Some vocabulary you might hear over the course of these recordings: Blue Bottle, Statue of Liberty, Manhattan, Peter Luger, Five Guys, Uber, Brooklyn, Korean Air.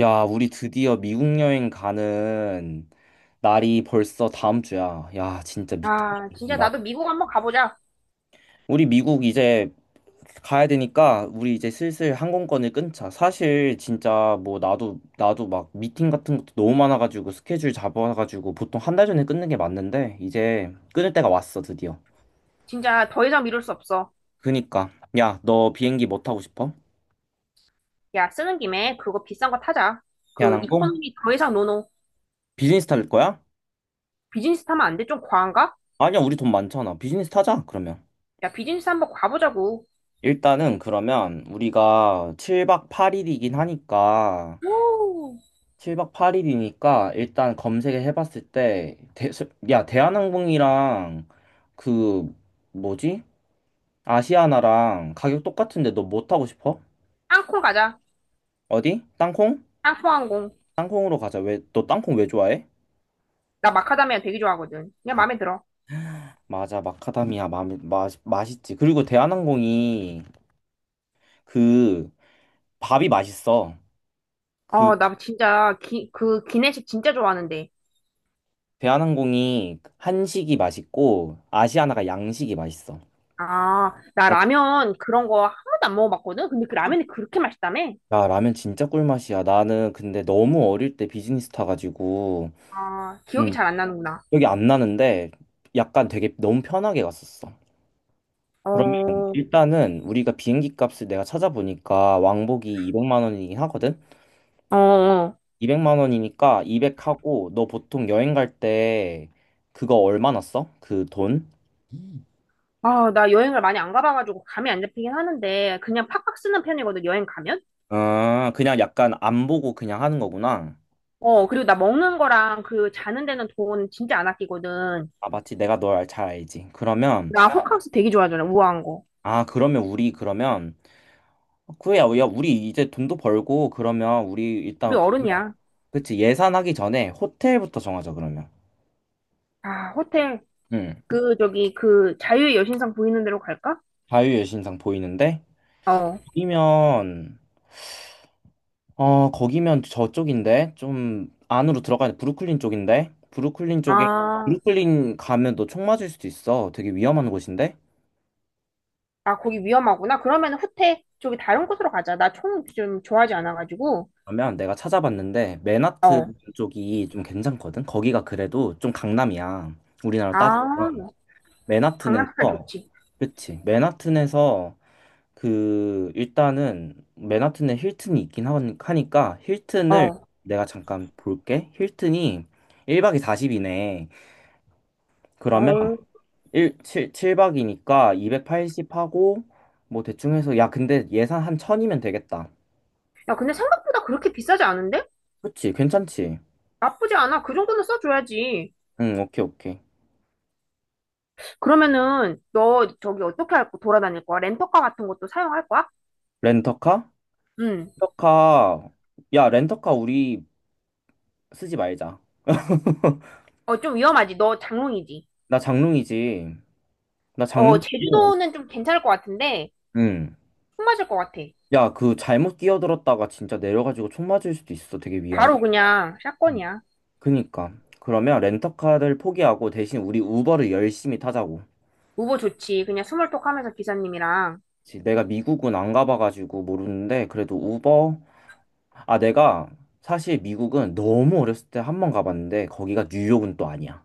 야, 우리 드디어 미국 여행 가는 날이 벌써 다음 주야. 야, 진짜 아, 진짜 믿긴다. 나도 미국 한번 가보자. 우리 미국 이제 가야 되니까 우리 이제 슬슬 항공권을 끊자. 사실 진짜 뭐 나도 막 미팅 같은 것도 너무 많아가지고 스케줄 잡아가지고 보통 한 달 전에 끊는 게 맞는데 이제 끊을 때가 왔어, 드디어. 진짜 더 이상 미룰 수 없어. 그니까 야, 너 비행기 뭐 타고 싶어? 야, 쓰는 김에 그거 비싼 거 타자. 그 대한항공? 이코노미 더 이상 노노. 비즈니스 탈 거야? 비즈니스 타면 안 돼? 좀 과한가? 아니야, 우리 돈 많잖아. 비즈니스 타자, 그러면. 야, 비즈니스 한번 가보자고. 일단은 그러면 우리가 7박 8일이긴 하니까 오, 7박 8일이니까 일단 검색을 해봤을 때 대, 야 대한항공이랑 그 뭐지? 아시아나랑 가격 똑같은데 너 뭐 타고 싶어? 항콩 가자. 어디? 땅콩? 땅콩 항공. 땅콩으로 가자. 왜 너 땅콩 왜 좋아해? 나 마카다미아 되게 좋아하거든. 그냥 마음에 들어. 맞아, 마카다미아 맛있지. 그리고 대한항공이 그 밥이 맛있어. 그 어, 나 진짜 기, 그 기내식 진짜 좋아하는데. 대한항공이 한식이 맛있고 아시아나가 양식이 맛있어. 아, 나 라면 그런 거 한 번도 안 먹어봤거든? 근데 그 라면이 그렇게 맛있다며? 야, 라면 진짜 꿀맛이야. 나는 근데 너무 어릴 때 비즈니스 타가지고, 아, 기억이 음, 잘 안 나는구나. 기억이 안 나는데, 약간 되게 너무 편하게 갔었어. 그러면 어, 일단은 우리가 비행기 값을 내가 찾아보니까 왕복이 200만 원이긴 하거든? 어, 어. 200만 원이니까 200하고, 너 보통 여행 갈 때 그거 얼마나 써? 그 돈? 아, 나 여행을 많이 안 가봐가지고 감이 안 잡히긴 하는데 그냥 팍팍 쓰는 편이거든, 여행 가면? 아, 그냥 약간 안 보고 그냥 하는 거구나. 어, 그리고 나 먹는 거랑 그 자는 데는 돈 진짜 안 아끼거든. 아, 맞지. 내가 널 잘 알지. 그러면, 나 호캉스 되게 좋아하잖아, 우아한 거. 아, 그러면 우리 그러면 그래, 야, 우리 이제 돈도 벌고, 그러면 우리 우리 일단. 어른이야. 그치, 예산하기 전에 호텔부터 정하자, 그러면. 아, 호텔, 응. 그, 저기, 그, 자유의 여신상 보이는 데로 갈까? 자유여 신상 보이는데? 어. 거기면, 거기면 저쪽인데? 좀 안으로 들어가야 돼. 브루클린 쪽인데? 브루클린 쪽에, 아, 브루클린 가면 너 총 맞을 수도 있어. 되게 위험한 곳인데? 아, 거기 위험하구나. 그러면 호텔, 저기 다른 곳으로 가자. 나 총 좀 좋아하지 않아가지고. 그러면 내가 찾아봤는데, 어. 맨하튼 쪽이 좀 괜찮거든? 거기가 그래도 좀 강남이야. 우리나라 아, 따지면. 강남스타일 맨하튼에서, 좋지. 그치, 맨하튼에서 그 일단은 맨하튼에 힐튼이 있긴 하니까 힐튼을 어. 내가 잠깐 볼게. 힐튼이 1박이 40이네. 그러면 어. 칠박이니까 280 하고 뭐 대충 해서 야, 근데 예산 한 1000이면 되겠다. 야, 근데 생각보다 그렇게 비싸지 않은데? 그치? 괜찮지? 나쁘지 않아. 그 정도는 써줘야지. 응, 오케이, 오케이. 그러면은 너 저기 어떻게 할 거, 돌아다닐 거야? 렌터카 같은 것도 사용할 거야? 렌터카? 응. 렌터카. 야, 렌터카 우리 쓰지 말자. 어, 좀 위험하지. 너 장롱이지. 나 장롱이지. 나 어, 장롱. 제주도는 좀 괜찮을 것 같은데 응. 숨 맞을 것 같아. 야, 그 잘못 끼어들었다가 진짜 내려가지고 총 맞을 수도 있어. 되게 위험해. 바로 그냥 음. 샷건이야. 그니까. 그러면 렌터카를 포기하고 대신 우리 우버를 열심히 타자고. 우버 좋지. 그냥 스몰톡 하면서 기사님이랑. 그치, 내가 미국은 안 가봐가지고 모르는데 그래도 우버. 아, 내가 사실 미국은 너무 어렸을 때 한 번 가봤는데 거기가 뉴욕은 또 아니야.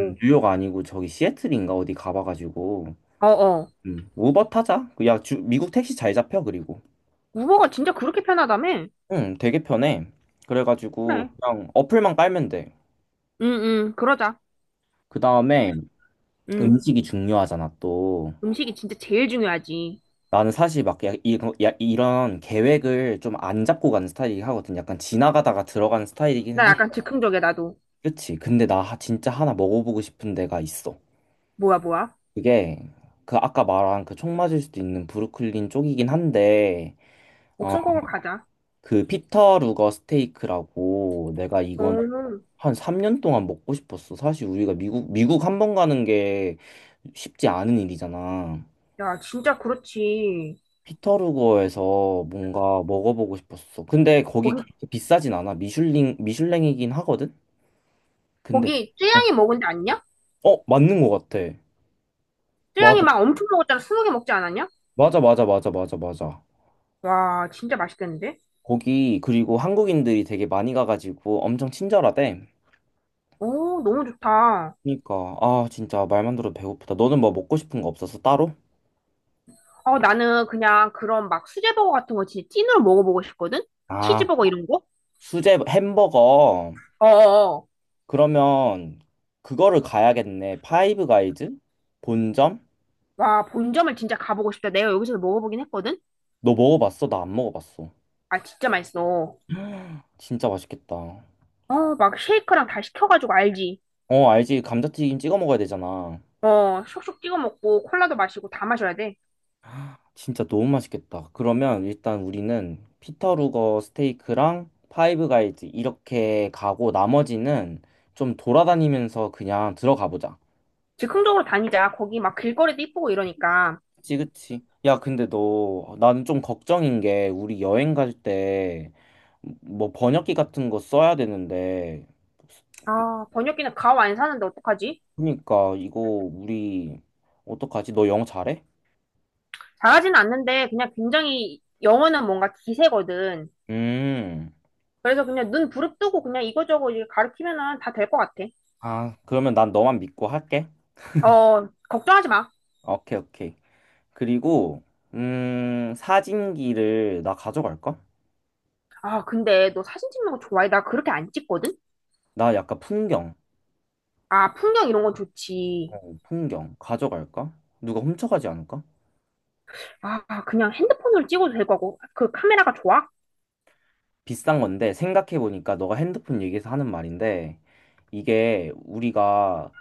뉴욕 아니고 저기 시애틀인가 어디 가봐가지고. 어어. 우버 타자. 미국 택시 잘 잡혀, 그리고. 우버가 진짜 그렇게 편하다며? 응, 되게 편해. 그래가지고 그래. 그냥 어플만 깔면 돼. 응응. 그러자. 그 다음에 응. 음식이 중요하잖아, 또. 음식이 진짜 제일 중요하지. 나는 사실 막 이런 계획을 좀 안 잡고 가는 스타일이긴 하거든. 약간 지나가다가 들어가는 스타일이긴 나 한데. 약간 즉흥적이야, 나도. 그치? 근데 나 진짜 하나 먹어보고 싶은 데가 있어. 뭐야, 뭐야? 그게 그 아까 말한 그 총 맞을 수도 있는 브루클린 쪽이긴 한데 어, 목숨 걸고 가자. 그 피터 루거 스테이크라고, 내가 이건 어. 한 3년 동안 먹고 싶었어. 사실 우리가 미국 한 번 가는 게 쉽지 않은 일이잖아. 야, 진짜 그렇지. 피터루거에서 뭔가 먹어보고 싶었어. 근데 거기 거기, 그렇게 비싸진 않아. 미슐랭이긴 하거든? 근데, 거기, 어, 쯔양이 먹은 데 아니냐? 어, 맞는 것 같아. 쯔양이 맞아, 막 엄청 먹었잖아. 스무 개 먹지 않았냐? 맞아, 맞아, 맞아, 맞아, 맞아. 와, 진짜 맛있겠는데? 거기, 그리고 한국인들이 되게 많이 가가지고 엄청 친절하대. 오, 너무 좋다. 그니까, 아, 진짜 말만 들어도 배고프다. 너는 뭐 먹고 싶은 거 없었어, 따로? 어, 나는 그냥 그런 막 수제버거 같은 거 진짜 찐으로 먹어보고 싶거든? 아, 치즈버거 이런 거? 수제 햄버거. 어어어. 그러면 그거를 가야겠네. 파이브 가이즈? 본점? 와, 본점을 진짜 가보고 싶다. 내가 여기서 먹어보긴 했거든? 너 먹어봤어? 나 안 먹어봤어. 아, 진짜 맛있어. 진짜 맛있겠다. 어, 막 쉐이크랑 다 시켜가지고 알지? 어, 알지. 감자튀김 찍어 먹어야 되잖아. 어, 쇽쇽 찍어 먹고 콜라도 마시고 다 마셔야 돼. 진짜 너무 맛있겠다. 그러면 일단 우리는 피터루거 스테이크랑 파이브 가이즈 이렇게 가고 나머지는 좀 돌아다니면서 그냥 들어가 보자. 즉흥적으로 다니자. 거기 막 길거리도 이쁘고 이러니까. 그치, 그치. 야, 근데 너, 나는 좀 걱정인 게 우리 여행 갈 때 뭐 번역기 같은 거 써야 되는데, 아, 번역기는 가오 안 사는데 어떡하지? 그러니까 이거 우리 어떡하지? 너 영어 잘해? 잘하진 않는데 그냥 굉장히 영어는 뭔가 기세거든. 음. 그래서 그냥 눈 부릅뜨고 그냥 이거저거 이제 가르치면은 다 될 것 같아. 아, 그러면 난 너만 믿고 할게. 어, 걱정하지 마. 오케이, 오케이. 그리고 사진기를 나 가져갈까? 아, 근데 너 사진 찍는 거 좋아해? 나 그렇게 안 찍거든? 나 약간 아, 풍경 이런 건 좋지. 풍경 가져갈까? 누가 훔쳐가지 않을까? 아, 그냥 핸드폰으로 찍어도 될 거고. 그 카메라가 좋아? 비싼 건데, 생각해보니까 너가 핸드폰 얘기해서 하는 말인데, 이게 우리가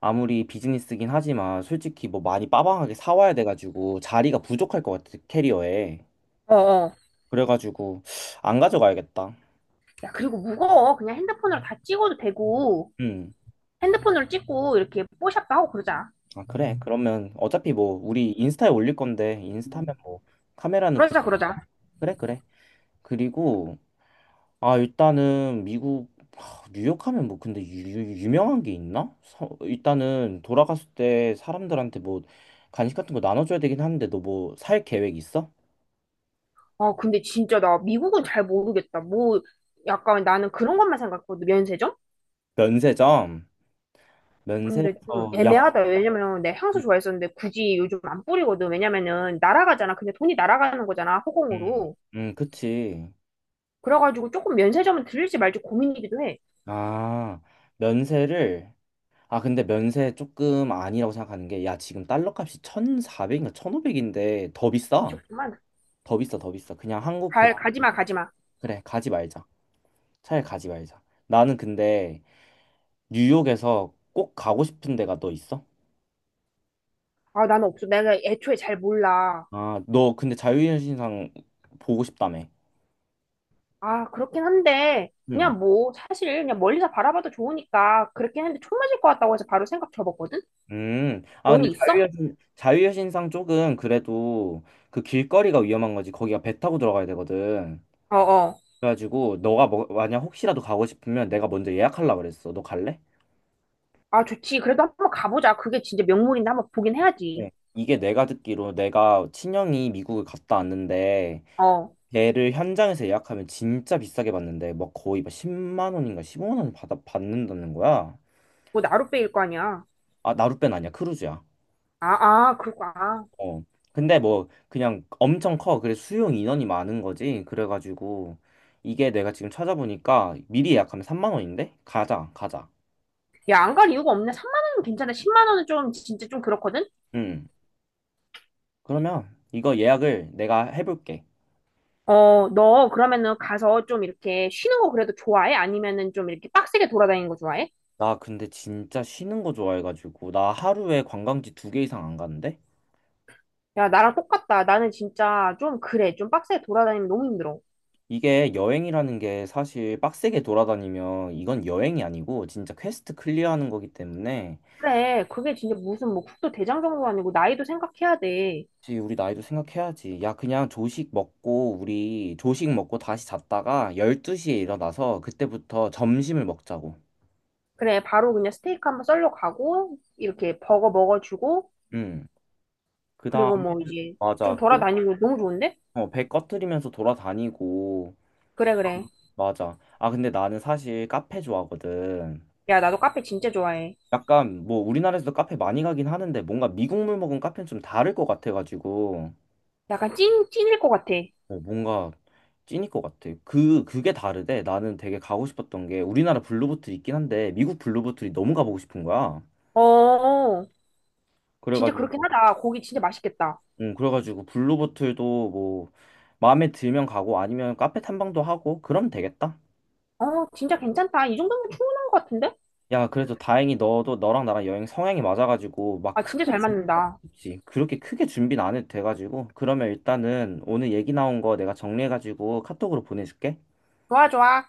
아무리 비즈니스긴 하지만 솔직히 뭐 많이 빠방하게 사와야 돼가지고 자리가 부족할 것 같아, 캐리어에. 어어. 그래가지고 안 가져가야겠다 야, 그리고 무거워. 그냥 핸드폰으로 다 찍어도 되고. 음. 핸드폰으로 찍고 이렇게 뽀샵도 하고 그러자. 아, 그래. 그러면 어차피 뭐 우리 인스타에 올릴 건데, 인스타면 뭐 카메라는 구... 그러자, 그러자. 그래, 그래. 그리고 아, 일단은 미국, 하, 뉴욕 하면 뭐 근데 유명한 게 있나? 일단은 돌아갔을 때 사람들한테 뭐 간식 같은 거 나눠줘야 되긴 하는데 너 뭐 살 계획 있어? 아, 근데 진짜 나 미국은 잘 모르겠다. 뭐, 약간 나는 그런 것만 생각했거든, 면세점? 면세점. 근데 좀 면세에서, 야. 애매하다. 왜냐면 내 향수 좋아했었는데 굳이 요즘 안 뿌리거든. 왜냐면은 날아가잖아. 근데 돈이 날아가는 거잖아, 음, 허공으로. 그치. 그래가지고 조금 면세점은 들릴지 말지 고민이기도 해. 아, 면세를. 아, 근데 면세 조금 아니라고 생각하는 게, 야, 지금 달러 값이 1400인가 1500인데 더 비싸, 미쳤구만. 더 비싸, 더 비싸. 그냥 한국 갈, 100. 가지마, 가지마. 그래, 가지 말자. 차라리 가지 말자. 나는 근데 뉴욕에서 꼭 가고 싶은 데가 너 있어? 아, 나는 없어. 내가 애초에 잘 몰라. 아, 너 근데 자유여신상 보고 싶다며. 아, 그렇긴 한데, 응. 그냥 뭐, 사실 그냥 멀리서 바라봐도 좋으니까 그렇긴 한데 총 맞을 것 같다고 해서 바로 생각 접었거든? 음. 아, 너는 근데 있어? 자유여신상 쪽은 그래도 그 길거리가 위험한 거지. 거기가 배 타고 들어가야 되거든. 어어. 그래가지고 너가 뭐, 만약 혹시라도 가고 싶으면 내가 먼저 예약하려고 그랬어. 너 갈래? 아, 좋지. 그래도 한번 가보자. 그게 진짜 명물인데 한번 보긴 해야지. 네. 이게 내가 듣기로, 내가 친형이 미국을 갔다 왔는데 어, 걔를 현장에서 예약하면 진짜 비싸게 받는데, 막 거의 막 10만 원인가 15만 원 받아 받는다는 거야. 뭐 나룻배일 거 아니야. 아, 나룻배는 아니야, 크루즈야. 아, 아, 그렇구나. 아. 어. 근데 뭐 그냥 엄청 커. 그래, 수용 인원이 많은 거지. 그래가지고 이게 내가 지금 찾아보니까 미리 예약하면 3만 원인데, 가자, 가자. 야, 안 갈 이유가 없네. 3만 원은 괜찮아. 10만 원은 좀 진짜 좀 그렇거든. 응. 그러면 이거 예약을 내가 해볼게. 어, 너 그러면은 가서 좀 이렇게 쉬는 거 그래도 좋아해? 아니면은 좀 이렇게 빡세게 돌아다니는 거 좋아해? 나 근데 진짜 쉬는 거 좋아해가지고 나 하루에 관광지 두 개 이상 안 가는데? 야, 나랑 똑같다. 나는 진짜 좀 그래. 좀 빡세게 돌아다니면 너무 힘들어. 이게 여행이라는 게 사실 빡세게 돌아다니면 이건 여행이 아니고 진짜 퀘스트 클리어하는 거기 때문에. 그래, 그게 진짜 무슨 뭐 국도 대장정도 아니고 나이도 생각해야 돼. 그치, 우리 나이도 생각해야지. 야, 그냥 조식 먹고, 우리 조식 먹고 다시 잤다가 12시에 일어나서 그때부터 점심을 먹자고. 그래, 바로 그냥 스테이크 한번 썰러 가고 이렇게 버거 먹어주고 응. 그다음. 그리고 뭐 이제 좀 맞아. 돌아다니고 너무 좋은데? 배 꺼트리면서 돌아다니고. 그래, 그래. 맞아. 아, 근데 나는 사실 카페 좋아하거든. 야, 나도 카페 진짜 좋아해. 약간 뭐 우리나라에서도 카페 많이 가긴 하는데 뭔가 미국물 먹은 카페는 좀 다를 것 같아가지고. 약간 찐, 찐일 것 같아. 어, 뭔가 찐일 것 같아. 그게 다르대. 나는 되게 가고 싶었던 게 우리나라 블루보틀 있긴 한데 미국 블루보틀이 너무 가보고 싶은 거야. 어, 어. 어. 진짜 그렇긴 그래가지고, 하다. 고기 진짜 맛있겠다. 응, 그래가지고 블루보틀도 뭐 마음에 들면 가고 아니면 카페 탐방도 하고 그러면 되겠다. 어, 진짜 괜찮다. 이 정도면 충분한 것 같은데? 야, 그래도 다행히 너도 너랑 나랑 여행 성향이 맞아가지고 막 아, 진짜 크게 잘 맞는다. 그치. 그렇게 크게 준비는 안 해도 돼가지고, 그러면 일단은 오늘 얘기 나온 거 내가 정리해가지고 카톡으로 보내줄게. 좋아, 좋아.